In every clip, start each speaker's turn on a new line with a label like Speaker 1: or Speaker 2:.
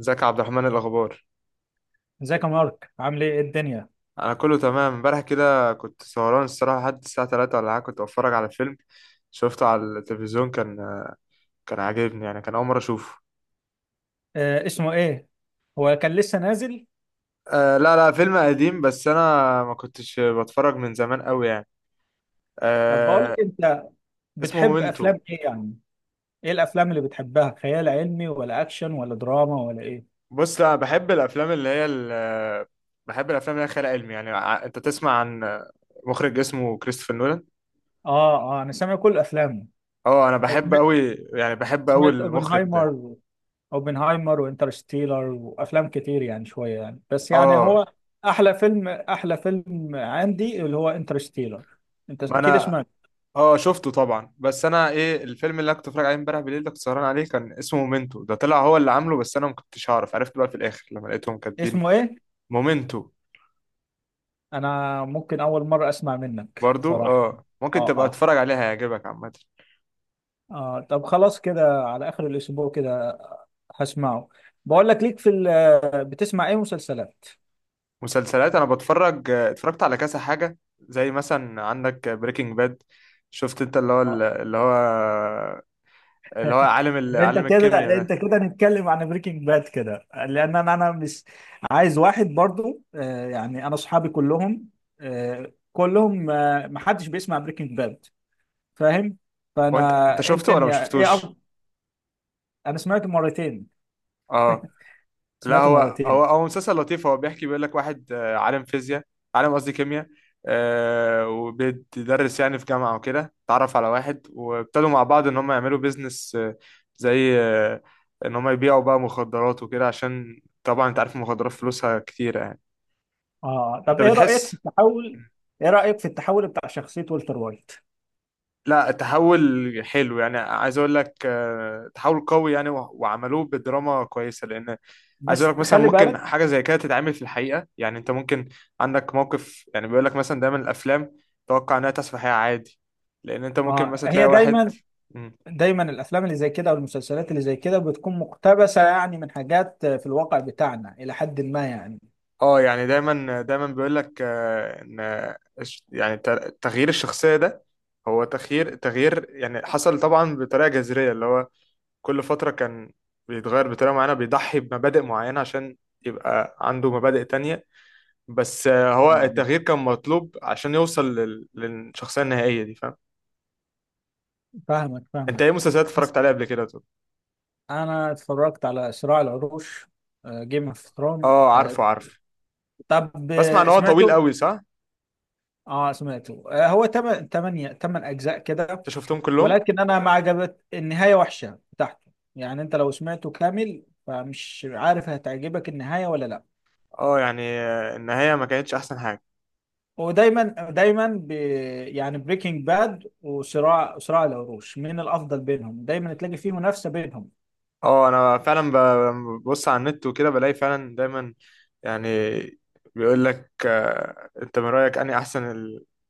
Speaker 1: ازيك يا عبد الرحمن؟ إيه الاخبار؟
Speaker 2: ازيك يا مارك؟ عامل ايه؟ إيه الدنيا؟
Speaker 1: انا كله تمام. امبارح كده كنت سهران الصراحه لحد الساعه 3 ولا حاجه، كنت بتفرج على فيلم شفته على التلفزيون. كان عاجبني يعني، كان اول مره اشوفه.
Speaker 2: آه، اسمه ايه؟ هو كان لسه نازل؟
Speaker 1: آه، لا لا، فيلم قديم، بس انا ما كنتش بتفرج من زمان قوي يعني.
Speaker 2: طب بقول لك
Speaker 1: آه.
Speaker 2: انت،
Speaker 1: اسمه
Speaker 2: بتحب
Speaker 1: مومنتو.
Speaker 2: افلام ايه يعني؟ ايه الافلام اللي بتحبها، خيال علمي ولا اكشن ولا دراما ولا ايه؟
Speaker 1: بص، لا، بحب الافلام اللي بحب الافلام اللي هي خيال علمي. يعني انت تسمع عن مخرج اسمه كريستوفر نولان.
Speaker 2: اه اه، انا سامع كل افلامه.
Speaker 1: اه، انا بحب
Speaker 2: سمعت
Speaker 1: قوي، يعني بحب قوي
Speaker 2: سمعت
Speaker 1: المخرج ده.
Speaker 2: اوبنهايمر، اوبنهايمر وانترستيلر وافلام كتير يعني، شويه يعني، بس يعني
Speaker 1: اه.
Speaker 2: هو احلى فيلم، احلى فيلم عندي اللي هو انترستيلر. انت
Speaker 1: ما
Speaker 2: اكيد
Speaker 1: انا
Speaker 2: سمعت.
Speaker 1: اه شفته طبعا. بس انا، ايه الفيلم اللي انا كنت بتفرج عليه امبارح بالليل ده، كنت سهران عليه، كان اسمه مومنتو. ده طلع هو اللي عامله، بس انا ما كنتش هعرف، عرفت بقى في الاخر لما لقيتهم كاتبين.
Speaker 2: اسمه ايه؟
Speaker 1: مومنتو.
Speaker 2: انا ممكن اول مره اسمع منك
Speaker 1: برضو
Speaker 2: صراحه.
Speaker 1: اه، ممكن
Speaker 2: اه،
Speaker 1: تبقى
Speaker 2: آه.
Speaker 1: تتفرج عليها هيعجبك عامه.
Speaker 2: اه طب خلاص كده على اخر الاسبوع كده، هسمعه. بقول لك، بتسمع ايه مسلسلات؟
Speaker 1: مسلسلات، انا بتفرج اتفرجت على كذا حاجه، زي مثلا عندك بريكنج باد. شفت انت، اللي هو
Speaker 2: اه،
Speaker 1: اللي هو اللي هو عالم
Speaker 2: انت
Speaker 1: عالم الكيمياء
Speaker 2: كده انت
Speaker 1: ده.
Speaker 2: كده نتكلم عن بريكنج باد كده، لان انا مش عايز واحد برضو، يعني انا اصحابي كلهم، آه، كلهم، محدش بيسمع بريكنج باد، فاهم؟
Speaker 1: هو
Speaker 2: فانا
Speaker 1: انت
Speaker 2: ايه
Speaker 1: شفته ولا ما
Speaker 2: الدنيا ايه،
Speaker 1: شفتوش؟
Speaker 2: انا سمعته مرتين،
Speaker 1: اه لا،
Speaker 2: سمعته
Speaker 1: هو هو
Speaker 2: مرتين.
Speaker 1: هو مسلسل لطيف. هو بيحكي، بيقول لك واحد عالم فيزياء، عالم قصدي كيمياء، آه، وبيدرس يعني في جامعة وكده، اتعرف على واحد وابتدوا مع بعض ان هم يعملوا بيزنس، زي ان هم يبيعوا بقى مخدرات وكده، عشان طبعا انت عارف المخدرات فلوسها كتيرة يعني.
Speaker 2: اه
Speaker 1: انت
Speaker 2: طب
Speaker 1: بتحس.
Speaker 2: ايه رايك في التحول بتاع شخصيه والتر وايت؟
Speaker 1: لا تحول حلو، يعني عايز اقول لك تحول قوي يعني، وع- وعملوه بدراما كويسه. لان عايز اقول
Speaker 2: بس
Speaker 1: لك، مثلا
Speaker 2: خلي
Speaker 1: ممكن
Speaker 2: بالك.
Speaker 1: حاجه زي كده تتعمل في الحقيقه يعني. انت ممكن عندك موقف، يعني بيقول لك مثلا، دايما الافلام توقع انها تحصل في الحقيقه عادي، لان انت ممكن
Speaker 2: اه،
Speaker 1: مثلا تلاقي
Speaker 2: هي
Speaker 1: واحد.
Speaker 2: دايما،
Speaker 1: مم.
Speaker 2: دايما الافلام اللي زي كده او المسلسلات اللي زي كده بتكون مقتبسه يعني من حاجات في الواقع بتاعنا الى حد ما يعني.
Speaker 1: اه، يعني دايما دايما بيقول لك ان تغيير الشخصيه ده، هو تغيير يعني حصل طبعا بطريقه جذريه. اللي هو كل فترة كان بيتغير بطريقة معينة، بيضحي بمبادئ معينة عشان يبقى عنده مبادئ تانية. بس هو
Speaker 2: اه،
Speaker 1: التغيير كان مطلوب عشان يوصل للشخصية النهائية دي، فاهم.
Speaker 2: فاهمك
Speaker 1: انت
Speaker 2: فاهمك.
Speaker 1: ايه مسلسلات
Speaker 2: بس
Speaker 1: اتفرجت عليها قبل كده طب؟
Speaker 2: انا اتفرجت على صراع العروش، جيم اوف ثرون.
Speaker 1: اه عارفه، عارفه.
Speaker 2: طب،
Speaker 1: بسمع ان هو طويل
Speaker 2: سمعته؟
Speaker 1: قوي، صح؟
Speaker 2: اه سمعته، آه، هو تمن اجزاء كده.
Speaker 1: انت شفتهم كلهم؟
Speaker 2: ولكن انا ما عجبت، النهايه وحشه بتاعته يعني، انت لو سمعته كامل فمش عارف هتعجبك النهايه ولا لا.
Speaker 1: اه يعني النهاية ما كانتش احسن حاجة.
Speaker 2: ودايما، دايما يعني بريكنج باد وصراع العروش، مين الافضل بينهم؟ دايما تلاقي فيه منافسه بينهم.
Speaker 1: اه انا فعلا ببص على النت وكده، بلاقي فعلا دايما، يعني بيقول لك انت من رايك اني احسن،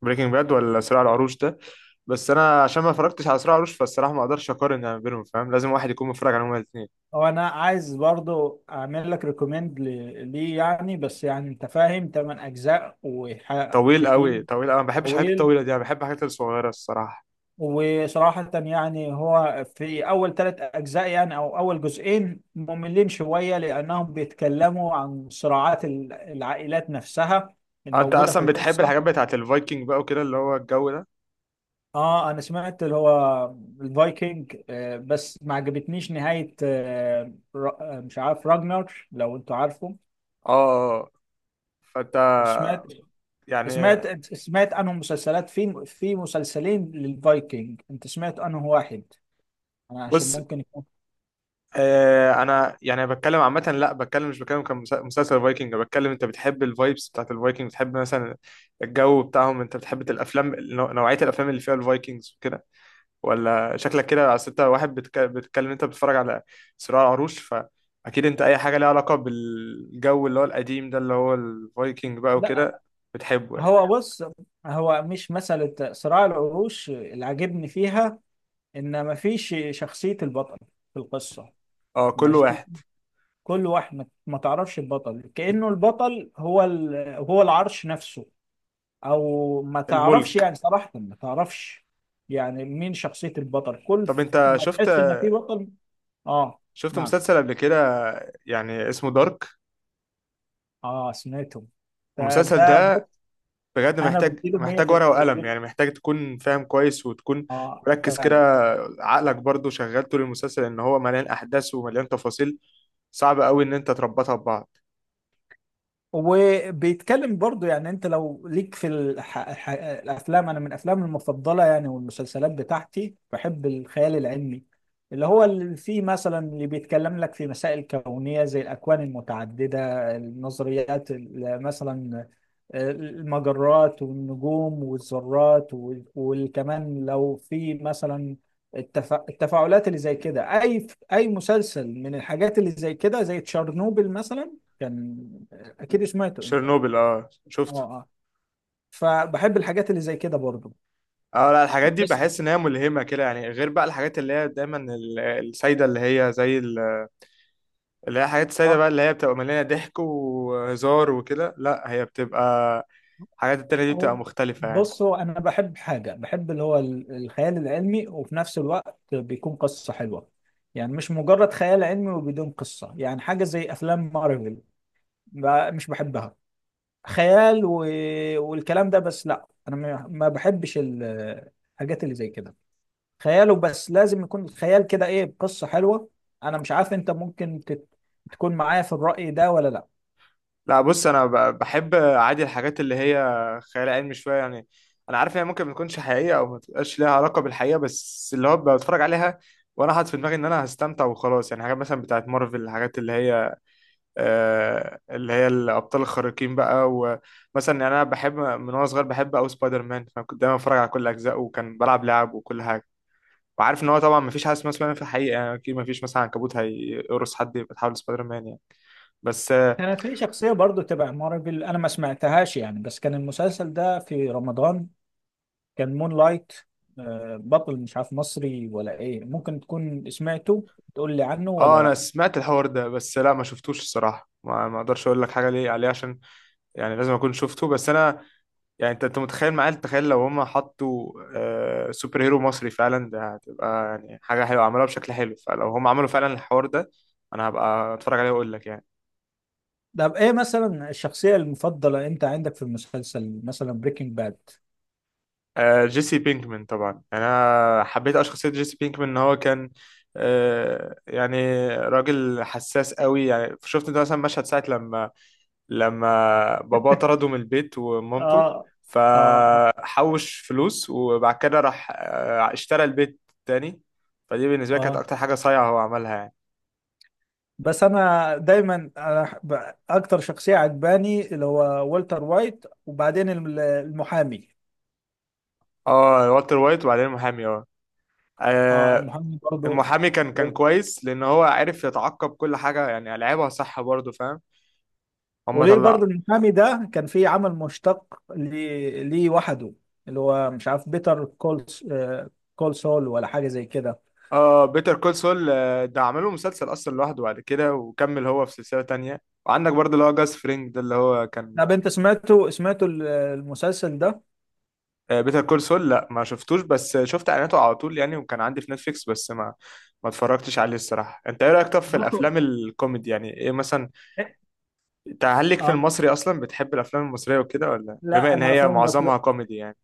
Speaker 1: البريكنج باد ولا صراع العروش ده؟ بس انا عشان ما اتفرجتش على صراع العروش فالصراحه ما اقدرش اقارن يعني بينهم، فاهم، لازم واحد يكون متفرج عليهم الاثنين.
Speaker 2: وانا عايز برضو اعمل لك ريكومند ليه يعني، بس يعني انت فاهم تمن اجزاء
Speaker 1: طويل
Speaker 2: وكتير،
Speaker 1: قوي، طويل قوي، ما بحبش الحاجات
Speaker 2: طويل.
Speaker 1: الطويله دي، انا بحب الحاجات الصغيره الصراحه.
Speaker 2: وصراحة يعني هو في أول ثلاث أجزاء، يعني أو أول جزئين، مملين شوية لأنهم بيتكلموا عن صراعات العائلات نفسها
Speaker 1: آه، انت
Speaker 2: الموجودة في
Speaker 1: اصلا بتحب
Speaker 2: القصة.
Speaker 1: الحاجات بتاعت الفايكنج بقى وكده، اللي هو الجو ده.
Speaker 2: اه، انا سمعت اللي هو الفايكنج، بس ما عجبتنيش نهاية، مش عارف راجنر، لو انتوا عارفه.
Speaker 1: اه. آه. آه. فانت
Speaker 2: سمعت
Speaker 1: يعني،
Speaker 2: سمعت سمعت عنهم مسلسلات، في مسلسلين للفايكنج، انت سمعت عنه واحد؟ انا عشان
Speaker 1: بص،
Speaker 2: ممكن يكون،
Speaker 1: آه، انا يعني بتكلم عامه، لا بتكلم، مش بتكلم كمسلسل فايكنج، بتكلم انت بتحب الفايبس بتاعت الفايكنج، بتحب مثلا الجو بتاعهم، انت بتحب الافلام نوعيه الافلام اللي فيها الفايكنجز وكده، ولا شكلك كده، اصل انت واحد بتتكلم، انت بتتفرج على صراع العروش، فاكيد انت اي حاجه ليها علاقه بالجو اللي هو القديم ده، اللي هو الفايكنج بقى
Speaker 2: لا
Speaker 1: وكده، بتحبه يعني.
Speaker 2: هو بص، هو مش مسألة صراع العروش اللي عجبني فيها ان ما فيش شخصية البطل في القصة.
Speaker 1: اه، كل واحد
Speaker 2: كل واحد ما تعرفش البطل، كأنه البطل هو هو العرش نفسه، او ما تعرفش
Speaker 1: الملك.
Speaker 2: يعني صراحة ما تعرفش يعني مين شخصية البطل، كل
Speaker 1: طب انت
Speaker 2: ما
Speaker 1: شفت
Speaker 2: تحس ان في بطل. اه،
Speaker 1: شفت
Speaker 2: معك.
Speaker 1: مسلسل قبل كده يعني اسمه دارك؟
Speaker 2: اه سمعتهم.
Speaker 1: المسلسل
Speaker 2: فده
Speaker 1: ده
Speaker 2: بص،
Speaker 1: بجد
Speaker 2: انا
Speaker 1: محتاج
Speaker 2: بديله 100
Speaker 1: محتاج
Speaker 2: في
Speaker 1: ورقة وقلم،
Speaker 2: الدف،
Speaker 1: يعني محتاج تكون فاهم كويس وتكون
Speaker 2: اه
Speaker 1: مركز كده.
Speaker 2: فعلا.
Speaker 1: عقلك برضو شغال طول المسلسل، ان هو مليان احداث ومليان تفاصيل، صعب قوي ان انت تربطها ببعض.
Speaker 2: وبيتكلم برضو يعني، انت لو ليك في الافلام، انا من افلامي المفضله يعني، والمسلسلات بتاعتي بحب الخيال العلمي، اللي هو اللي فيه مثلا، اللي بيتكلم لك في مسائل كونيه زي الاكوان المتعدده، النظريات مثلا، المجرات والنجوم والذرات، وكمان لو في مثلا التفاعلات اللي زي كده، اي مسلسل من الحاجات اللي زي كده، زي تشارنوبل مثلا، كان اكيد سمعته انت.
Speaker 1: شيرنوبل، اه
Speaker 2: اه
Speaker 1: شفته.
Speaker 2: اه، فبحب الحاجات اللي زي كده برضو.
Speaker 1: اه لا، الحاجات دي
Speaker 2: بس
Speaker 1: بحس ان هي ملهمة كده يعني، غير بقى الحاجات اللي هي دايما السايدة، اللي هي اللي هي حاجات السايدة
Speaker 2: اه،
Speaker 1: بقى، اللي هي بتبقى مليانة ضحك وهزار وكده، لا هي بتبقى، الحاجات التانية دي بتبقى
Speaker 2: هو
Speaker 1: مختلفة يعني.
Speaker 2: بص، هو انا بحب حاجه، بحب اللي هو الخيال العلمي وفي نفس الوقت بيكون قصه حلوه، يعني مش مجرد خيال علمي وبدون قصه، يعني حاجه زي افلام مارفل، مش بحبها، خيال و... والكلام ده. بس لا، انا ما بحبش الحاجات اللي زي كده، خياله بس لازم يكون الخيال كده ايه بقصه حلوه. انا مش عارف، انت ممكن تكون معايا في الرأي ده ولا لا؟
Speaker 1: لا بص، انا بحب عادي الحاجات اللي هي خيال علمي شويه يعني. انا عارف هي ممكن ما تكونش حقيقيه او ما تبقاش ليها علاقه بالحقيقه، بس اللي هو بتفرج عليها وانا حاطط في دماغي ان انا هستمتع وخلاص. يعني حاجات مثلا بتاعت مارفل، الحاجات اللي هي اللي هي الابطال الخارقين بقى، ومثلا يعني انا بحب من وانا صغير، بحب او سبايدر مان، فكنت دايما بتفرج على كل اجزائه وكان بلعب لعب وكل حاجه. وعارف ان هو طبعا ما فيش حاجه اسمها سبايدر مان في الحقيقه يعني، اكيد ما فيش مثلا عنكبوت هيقرص حد يبقى تحول سبايدر مان يعني. بس
Speaker 2: كانت في شخصية برضو تبع مارفل، أنا ما سمعتهاش يعني، بس كان المسلسل ده في رمضان، كان مون لايت، بطل مش عارف مصري ولا إيه، ممكن تكون سمعته، تقول لي عنه ولا
Speaker 1: اه، انا
Speaker 2: لأ؟
Speaker 1: سمعت الحوار ده بس لا ما شفتوش الصراحه، ما اقدرش اقول لك حاجه ليه عليه، عشان يعني لازم اكون شفته. بس انا يعني، انت متخيل معايا، تخيل لو هم حطوا آه، سوبر هيرو مصري فعلا، ده هتبقى يعني حاجه حلوه عملوها بشكل حلو. فلو هم عملوا فعلا الحوار ده انا هبقى اتفرج عليه واقول لك يعني.
Speaker 2: طب إيه مثلا الشخصية المفضلة أنت عندك في المسلسل مثلا بريكنج باد؟
Speaker 1: آه جيسي بينكمان طبعا، يعني انا حبيت أوي شخصيه جيسي بينكمان، ان هو كان آه، يعني راجل حساس قوي، يعني شفت انت مثلا مشهد ساعه لما باباه طرده من البيت ومامته،
Speaker 2: آه آه
Speaker 1: فحوش فلوس وبعد كده راح اشترى البيت تاني. فدي بالنسبة لي كانت
Speaker 2: آه.
Speaker 1: أكتر حاجة صايعة هو عملها يعني.
Speaker 2: بس أنا دايما، أنا أكتر شخصية عجباني اللي هو والتر وايت، وبعدين المحامي.
Speaker 1: اه والتر وايت وبعدين المحامي، اه،
Speaker 2: آه،
Speaker 1: آه،
Speaker 2: المحامي برضو.
Speaker 1: المحامي كان كويس، لأن هو عرف يتعقب كل حاجة يعني، لعبها صح برضه، فاهم، هما
Speaker 2: وليه برضو
Speaker 1: طلع.
Speaker 2: المحامي ده كان في عمل مشتق ليه، ليه وحده، اللي هو مش عارف بيتر كول سول ولا حاجة زي كده.
Speaker 1: اه بيتر كول سول، ده عمله مسلسل أصلا لوحده بعد كده وكمل هو في سلسلة تانية. وعندك برضه اللي هو جاس فرينج، ده اللي هو كان.
Speaker 2: طب انت سمعته المسلسل ده؟
Speaker 1: بيتر كول سول، لا ما شفتوش، بس شفت اعلاناته على طول يعني، وكان عندي في نتفليكس بس ما اتفرجتش عليه الصراحه. انت ايه رايك طب في
Speaker 2: بصوا
Speaker 1: الافلام الكوميدي؟ يعني ايه مثلا،
Speaker 2: إيه؟
Speaker 1: انت هل ليك في
Speaker 2: اه
Speaker 1: المصري اصلا، بتحب الافلام المصريه وكده، ولا بما
Speaker 2: لا،
Speaker 1: ان
Speaker 2: انا
Speaker 1: هي
Speaker 2: الافلام
Speaker 1: معظمها
Speaker 2: المصرية،
Speaker 1: كوميدي يعني.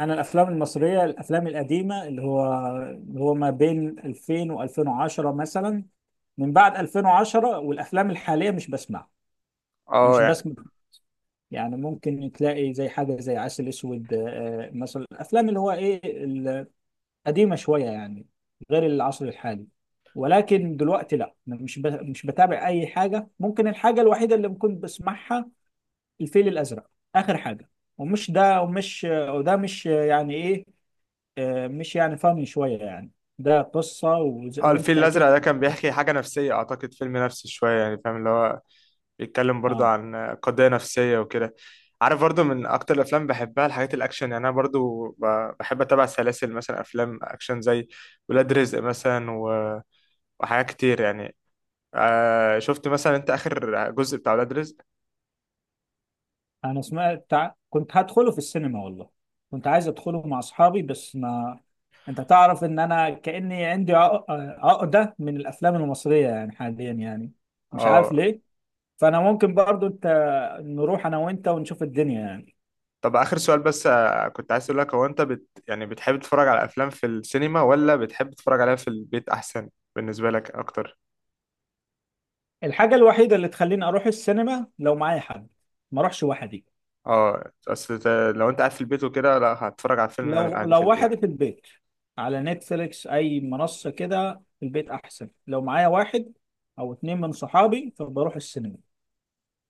Speaker 2: انا الافلام المصريه، الافلام القديمه اللي هو، اللي هو ما بين 2000 و2010 مثلا، من بعد 2010 والافلام الحاليه مش بسمع،
Speaker 1: اه
Speaker 2: مش
Speaker 1: يعني،
Speaker 2: بسمع. يعني ممكن تلاقي زي حاجه زي عسل اسود، مثلا الافلام اللي هو ايه، قديمة شوية يعني، غير العصر الحالي. ولكن دلوقتي لا، أنا مش بتابع أي حاجة، ممكن الحاجة الوحيدة اللي ممكن بسمعها الفيل الأزرق، آخر حاجة. ومش ده، ومش وده مش يعني إيه، مش يعني فاهم شوية يعني، ده قصة
Speaker 1: اه الفيل
Speaker 2: وأنت أكيد
Speaker 1: الازرق ده كان بيحكي حاجه نفسيه، اعتقد فيلم نفسي شويه يعني، فاهم، اللي هو بيتكلم برضو
Speaker 2: آه.
Speaker 1: عن قضيه نفسيه وكده. عارف برضو من اكتر الافلام بحبها، الحاجات الاكشن يعني، انا برضو بحب اتابع سلاسل مثلا افلام اكشن زي ولاد رزق مثلا، وحاجات كتير يعني. آه، شفت مثلا انت اخر جزء بتاع ولاد رزق؟
Speaker 2: أنا سمعت كنت هدخله في السينما والله، كنت عايز أدخله مع أصحابي بس ما. أنت تعرف إن أنا كأني عندي عقدة من الأفلام المصرية يعني، حاليا يعني مش عارف
Speaker 1: اه.
Speaker 2: ليه. فانا ممكن برضو انت، نروح انا وانت ونشوف الدنيا يعني.
Speaker 1: طب اخر سؤال بس، كنت عايز اقول لك، هو انت بت يعني بتحب تتفرج على افلام في السينما ولا بتحب تتفرج عليها في البيت احسن بالنسبه لك اكتر؟
Speaker 2: الحاجه الوحيده اللي تخليني اروح السينما لو معايا حد، ما اروحش وحدي.
Speaker 1: اه، اصل لو انت قاعد في البيت وكده، لا هتتفرج على فيلم
Speaker 2: لو
Speaker 1: عادي في
Speaker 2: لو
Speaker 1: البيت.
Speaker 2: وحدي في البيت، على نتفليكس اي منصه كده، في البيت احسن. لو معايا واحد او اتنين من صحابي فبروح السينما.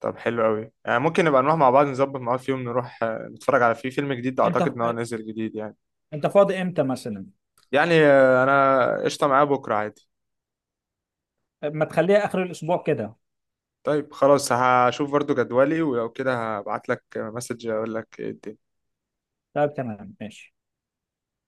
Speaker 1: طب حلو قوي، يعني ممكن نبقى نروح مع بعض، نظبط مع بعض في يوم نروح نتفرج على فيه فيلم جديد،
Speaker 2: انت
Speaker 1: اعتقد ان هو نازل جديد يعني.
Speaker 2: انت فاضي امتى مثلا؟
Speaker 1: يعني انا قشطه، معاه بكره عادي.
Speaker 2: ما تخليها اخر الاسبوع كده.
Speaker 1: طيب خلاص، هشوف برضو جدولي ولو كده هبعت لك مسج اقول لك إيه الدنيا.
Speaker 2: طيب تمام ماشي.